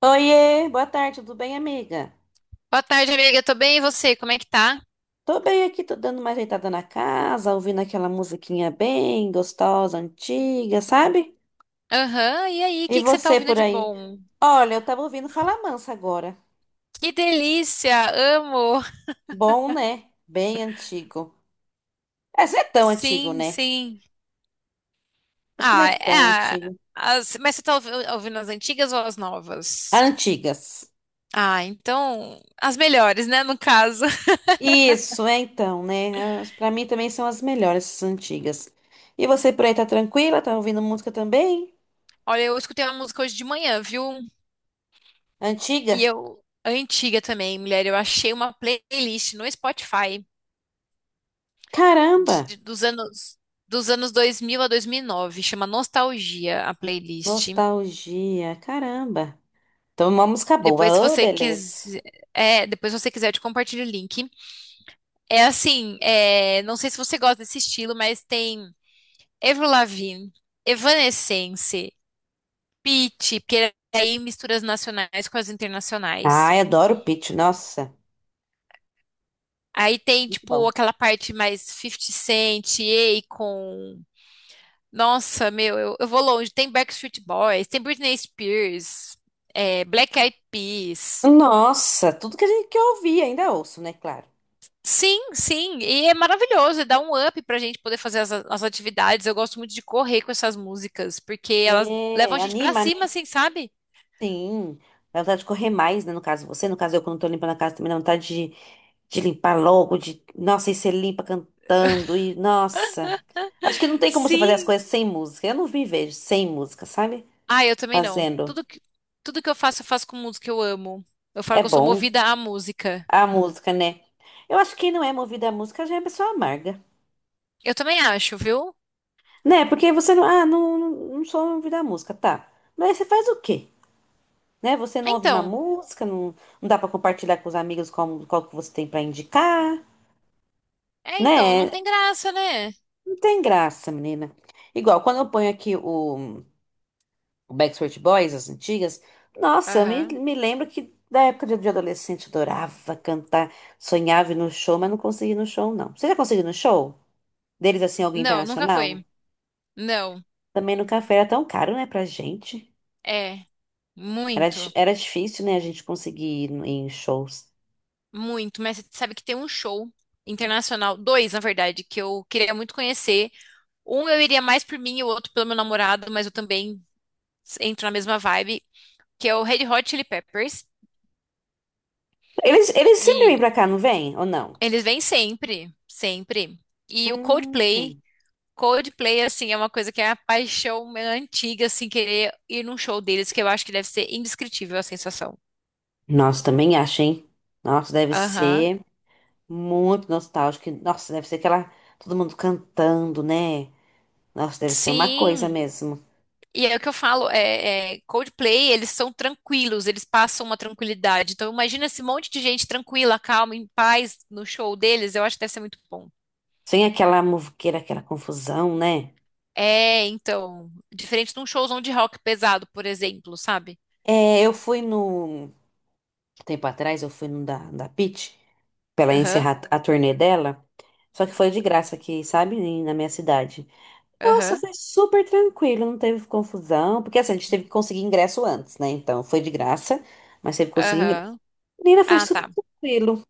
Oiê, boa tarde, tudo bem, amiga? Boa tarde, amiga. Tô bem, e você? Como é que tá? Tô bem aqui, tô dando uma ajeitada na casa, ouvindo aquela musiquinha bem gostosa, antiga, sabe? Aham, e aí? O E que que você tá você ouvindo por de aí? bom? Olha, eu tava ouvindo Fala Mansa agora. Que delícia! Amo! Bom, né? Bem antigo. Essa não é tão antigo, Sim, né? sim. Acho que não é Ah, tão é. antigo. Mas você tá ouvindo as antigas ou as novas? Antigas. Ah, então. As melhores, né? No caso. Isso, é então, né? Pra mim também são as melhores, essas antigas. E você por aí tá tranquila? Tá ouvindo música também? Olha, eu escutei uma música hoje de manhã, viu? E Antiga? eu. Antiga também, mulher. Eu achei uma playlist no Spotify Caramba! Dos anos. Dos anos 2000 a 2009, chama Nostalgia, a playlist. Nostalgia, caramba. Então, uma música Depois, se boa. Oh, você beleza. quiser, depois se você quiser, eu te compartilho o link. É assim, não sei se você gosta desse estilo, mas tem Avril Lavigne, Evanescence, Pitty, porque aí mistura as nacionais com as internacionais. Ai, adoro o Pitty, nossa. Aí tem, Muito tipo, bom. aquela parte mais Fifty Cent, Akon. Nossa, meu, eu vou longe. Tem Backstreet Boys, tem Britney Spears, Black Eyed Peas. Nossa, tudo que a gente que eu ouvi, ainda ouço, né? Claro. Sim, sim, e é maravilhoso, e dá um up pra gente poder fazer as atividades. Eu gosto muito de correr com essas músicas, porque elas levam a É, gente pra anima, né? cima, assim, sabe? Sim. Dá vontade de correr mais, né? No caso, eu quando tô limpando a casa também de limpar logo, de. Nossa, e você limpa cantando, e nossa. Acho que não tem como você fazer as Sim. coisas sem música. Eu não me vejo sem música, sabe? Ah, eu também não. Fazendo. Tudo que eu faço com música que eu amo. Eu falo É que eu sou bom. movida à música. A música, né? Eu acho que quem não é movido à música já é pessoa amarga, Eu também acho, viu? né? Porque você não, ah, não, não sou movido à música, tá. Mas aí você faz o quê? Né? Você não ouve uma Então, música, não, não dá pra compartilhar com os amigos qual, qual que você tem pra indicar, não né? tem graça, né? Não tem graça, menina. Igual, quando eu ponho o Backstreet Boys, as antigas, nossa, Aham. me lembro que da época de adolescente eu adorava cantar, sonhava ir no show, mas não conseguia ir no show, não. Você já conseguiu ir no show? Deles, assim, alguém Não, nunca internacional? foi. Não, Também no café era tão caro, né, pra gente. é, Era, muito, era difícil, né, a gente conseguir ir no- em shows. muito. Mas você sabe que tem um show internacional, dois, na verdade, que eu queria muito conhecer. Um eu iria mais por mim e o outro pelo meu namorado, mas eu também entro na mesma vibe, que é o Red Hot Chili Peppers. Eles sempre vêm pra E cá, não vêm? Ou não? eles vêm sempre, sempre. E o Coldplay, Hum. Coldplay, assim, é uma coisa que é a paixão minha antiga, assim, querer ir num show deles, que eu acho que deve ser indescritível a sensação. Nossa, também acho, hein? Nossa, deve Aham. ser muito nostálgico. Nossa, deve ser aquela. Todo mundo cantando, né? Nossa, deve ser uma coisa Sim, mesmo. e é o que eu falo, Coldplay, eles são tranquilos, eles passam uma tranquilidade. Então imagina esse monte de gente tranquila, calma, em paz no show deles, eu acho que deve ser muito bom. Sem aquela muvuqueira, aquela confusão, né? É, então, diferente de um showzão de rock pesado, por exemplo, sabe? É, eu fui no. um Tempo atrás, eu fui no da, da Pitty, pra ela Aham, encerrar a turnê dela. Só que foi de graça aqui, sabe? Na minha cidade. Nossa, aham, foi super tranquilo, não teve confusão. Porque assim, a gente teve que conseguir ingresso antes, né? Então foi de graça, mas teve que conseguir ingresso. aham. Menina, foi Ah, super tá. tranquilo.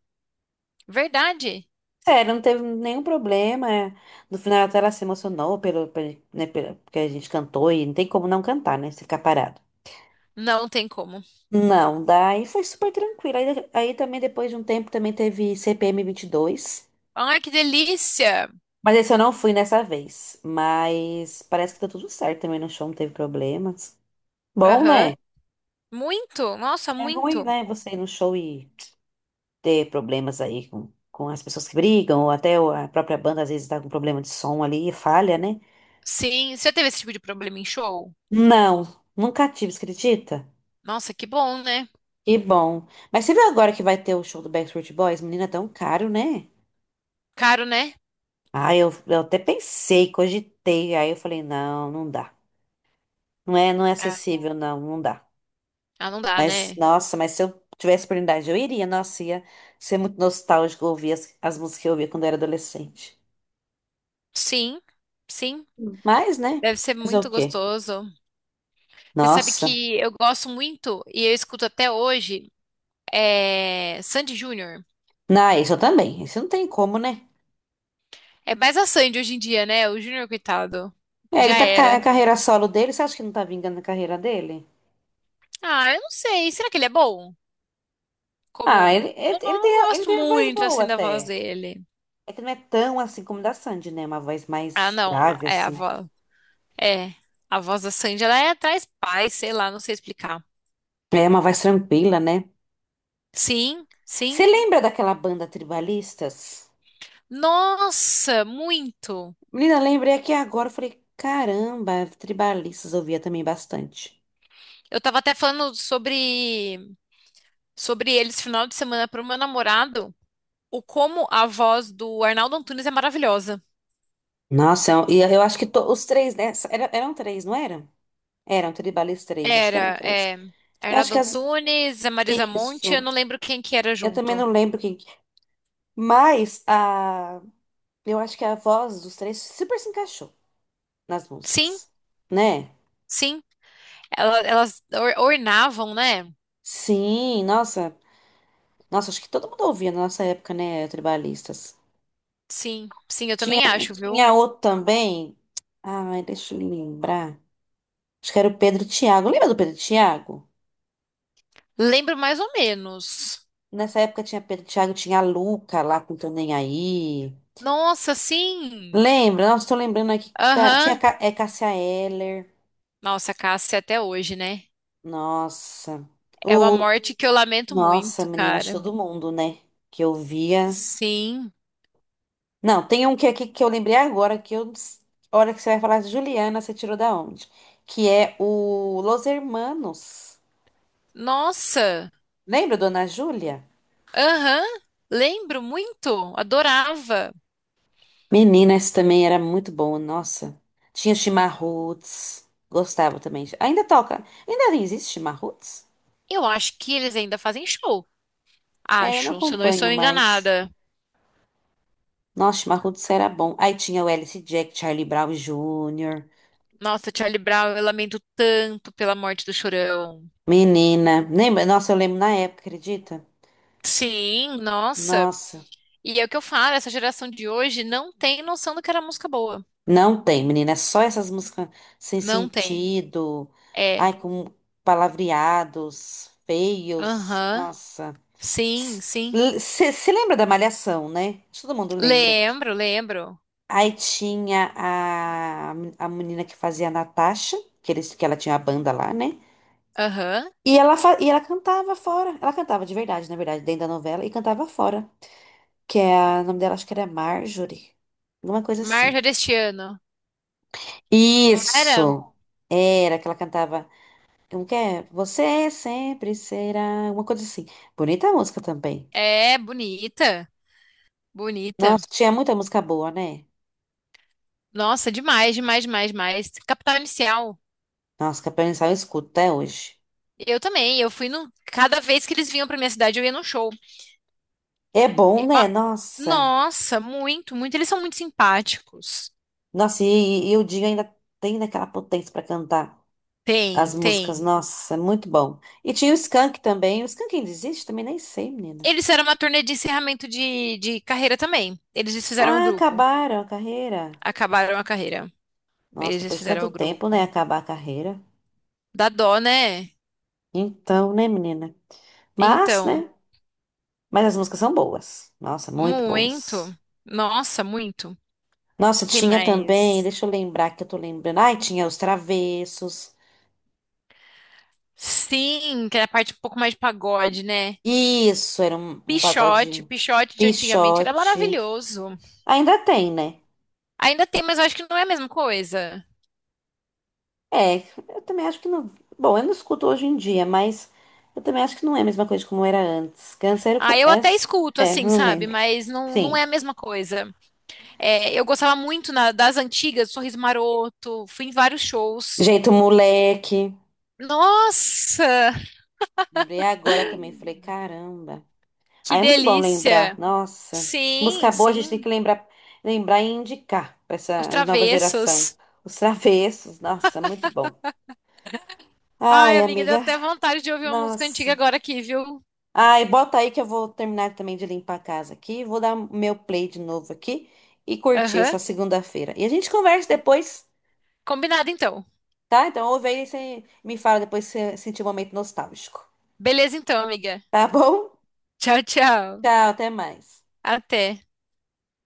Verdade. Sério, não teve nenhum problema. É. No final até ela se emocionou pelo, né, porque a gente cantou e não tem como não cantar, né? Se ficar parado. Não tem como. Não, daí foi super tranquilo. Aí também depois de um tempo também teve CPM dois, Ai, que delícia. mas esse eu não fui nessa vez. Mas parece que tá tudo certo também no show, não teve problemas. Bom, né? Aham. Muito, nossa, É ruim, muito. né, você ir no show e ter problemas aí com as pessoas que brigam, ou até a própria banda às vezes tá com problema de som ali e falha, né? Sim, você já teve esse tipo de problema em show? Não, nunca tive, você acredita? Nossa, que bom, né? Que bom. Mas você viu agora que vai ter o show do Backstreet Boys? Menina, é tão caro, né? Caro, né? Ah, eu até pensei, cogitei, aí eu falei, não, não dá. Não é É. acessível, não, não dá. Ah, não dá, Mas, né? nossa, mas se eu tivesse oportunidade, eu iria, nossa, ia ser muito nostálgico ouvir as, as músicas que eu ouvia quando eu era adolescente. Sim, sim. Mas, né? Deve ser Fazer o muito quê? gostoso. Você sabe Nossa. que eu gosto muito e eu escuto até hoje Sandy Júnior. Não, isso eu também. Isso não tem como, né? É mais a Sandy hoje em dia, né? O Junior coitado. É, ele Já tá era. a carreira solo dele, você acha que não tá vingando a carreira dele? Ah, eu não sei. Será que ele é bom? Ah, Como. Eu não, não ele gosto tem uma voz muito, boa assim, da voz até. dele. É que não é tão assim como da Sandy, né? Uma voz Ah, mais não. grave, É a assim. voz. É. A voz da Sandy, ela é atrás paz, sei lá, não sei explicar. É uma voz tranquila, né? Sim, Você sim. lembra daquela banda Tribalistas? Nossa, muito. Menina, lembrei aqui agora, eu falei, caramba, Tribalistas eu ouvia também bastante. Eu tava até falando sobre sobre eles final de semana pro meu namorado, o como a voz do Arnaldo Antunes é maravilhosa. Nossa, eu, acho que os três, né? Eram três, não era? Eram tribalistas três, acho que eram Era, três. é, Eu acho Arnaldo que as. Antunes, a Marisa Monte, eu Isso. não lembro quem que era Eu também junto. não lembro quem. Mas a. Eu acho que a voz dos três super se encaixou nas Sim, músicas, né? sim. Elas, ornavam, né? Sim, nossa. Nossa, acho que todo mundo ouvia na nossa época, né? Tribalistas. Sim, sim, eu Tinha, também acho, viu? tinha outro também. Ai, deixa eu lembrar. Acho que era o Pedro e Thiago. Lembra do Pedro e Thiago? Lembro mais ou menos. Nessa época tinha Pedro e Thiago, tinha a Luca lá com Tô Nem Aí. Nossa, sim. Lembra? Nossa, tô lembrando aqui. Cara, tinha Aham. Cássia Eller. Nossa, Cássia até hoje, né? Nossa. É uma O, morte que eu lamento nossa, muito, menina, acho cara. que todo mundo, né? Que eu via. Sim. Não, tem um que aqui que eu lembrei agora, que eu. A hora que você vai falar, de Juliana, você tirou da onde? Que é o Los Hermanos. Nossa. Lembra, Dona Júlia? Aham. Lembro muito. Adorava. Menina, esse também era muito bom, nossa. Tinha Chimarruts. Gostava também. Ainda toca. Ainda existe Chimarruts? Eu acho que eles ainda fazem show. É, eu não Acho, se eu não acompanho estou mais. enganada. Nossa, Marrudos era bom. Aí tinha o Alice Jack, Charlie Brown Jr., Nossa, Charlie Brown, eu lamento tanto pela morte do Chorão. menina. Lembra? Nossa, eu lembro na época, acredita? Sim, nossa. Nossa, E é o que eu falo, essa geração de hoje não tem noção do que era música boa. não tem, menina. É só essas músicas sem Não tem. sentido. É. Ai, com palavreados, feios. Aham. Nossa. Sim, sim. Você lembra da Malhação, né? Acho que todo mundo lembra. Lembro, lembro. Aí tinha a menina que fazia a Natasha, que ela tinha a banda lá, né? Aham. E ela cantava fora. Ela cantava de verdade, na verdade, dentro da novela, e cantava fora. Que é a... o nome dela, acho que era Marjorie. Alguma coisa assim. Marja deste ano. Não era? Isso! Era que ela cantava. Como que é? Você sempre será. Uma coisa assim. Bonita a música também. É, bonita. Bonita. Nossa, tinha muita música boa, né? Nossa, demais, demais, demais, demais. Capital Inicial. Nossa, Capela Inicial eu escuto até hoje. Eu também. Eu fui no. Cada vez que eles vinham pra minha cidade, eu ia num show. É bom, Eu né? a- Nossa. Nossa, muito, muito. Eles são muito simpáticos. Nossa, e o Dinho ainda tem daquela potência pra cantar. Tem, As músicas, tem. nossa, é muito bom. E tinha o Skank também. O Skank ainda existe? Também nem sei, menina. Eles fizeram uma turnê de encerramento de carreira também. Eles desfizeram o Ah, grupo. acabaram a carreira. Acabaram a carreira. Nossa, Eles depois de desfizeram tanto o tempo, né? grupo. Acabar a carreira. Dá dó, né? Então, né, menina? Mas, Então, né? Mas as músicas são boas. Nossa, muito muito. boas. Nossa, muito. Nossa, Quem tinha também, mais? deixa eu lembrar que eu tô lembrando. Ai, tinha os Travessos. Sim, que é a parte um pouco mais de pagode, né? Isso, era um, um pagode Pichote de antigamente era Pixote. maravilhoso. Ainda tem, né? Ainda tem, mas eu acho que não é a mesma coisa. É, eu também acho que não. Bom, eu não escuto hoje em dia, mas eu também acho que não é a mesma coisa como era antes. Câncer Ah, com eu até S. escuto, É, assim, não sabe? lembro. Mas não, não é Sim. a mesma coisa. É, eu gostava muito das antigas, Sorriso Maroto, fui em vários shows. Jeito moleque. Nossa, Lembrei agora também, falei, caramba. que Aí é muito bom lembrar. delícia! Nossa. Sim, Música boa a gente tem sim, que lembrar, lembrar e indicar para os essa nova geração. Travessos. Os travessos, nossa, muito bom. Ai, Ai, amiga, deu amiga, até vontade de ouvir uma música antiga nossa. agora aqui, viu? Ai, bota aí que eu vou terminar também de limpar a casa aqui. Vou dar meu play de novo aqui e curtir Aham. essa segunda-feira. E a gente conversa depois, Combinado, então. tá? Então ouve aí e você me fala depois se você sentir um momento nostálgico. Beleza, então, amiga. Tá bom? Tchau, tchau. Tchau, até mais. Até.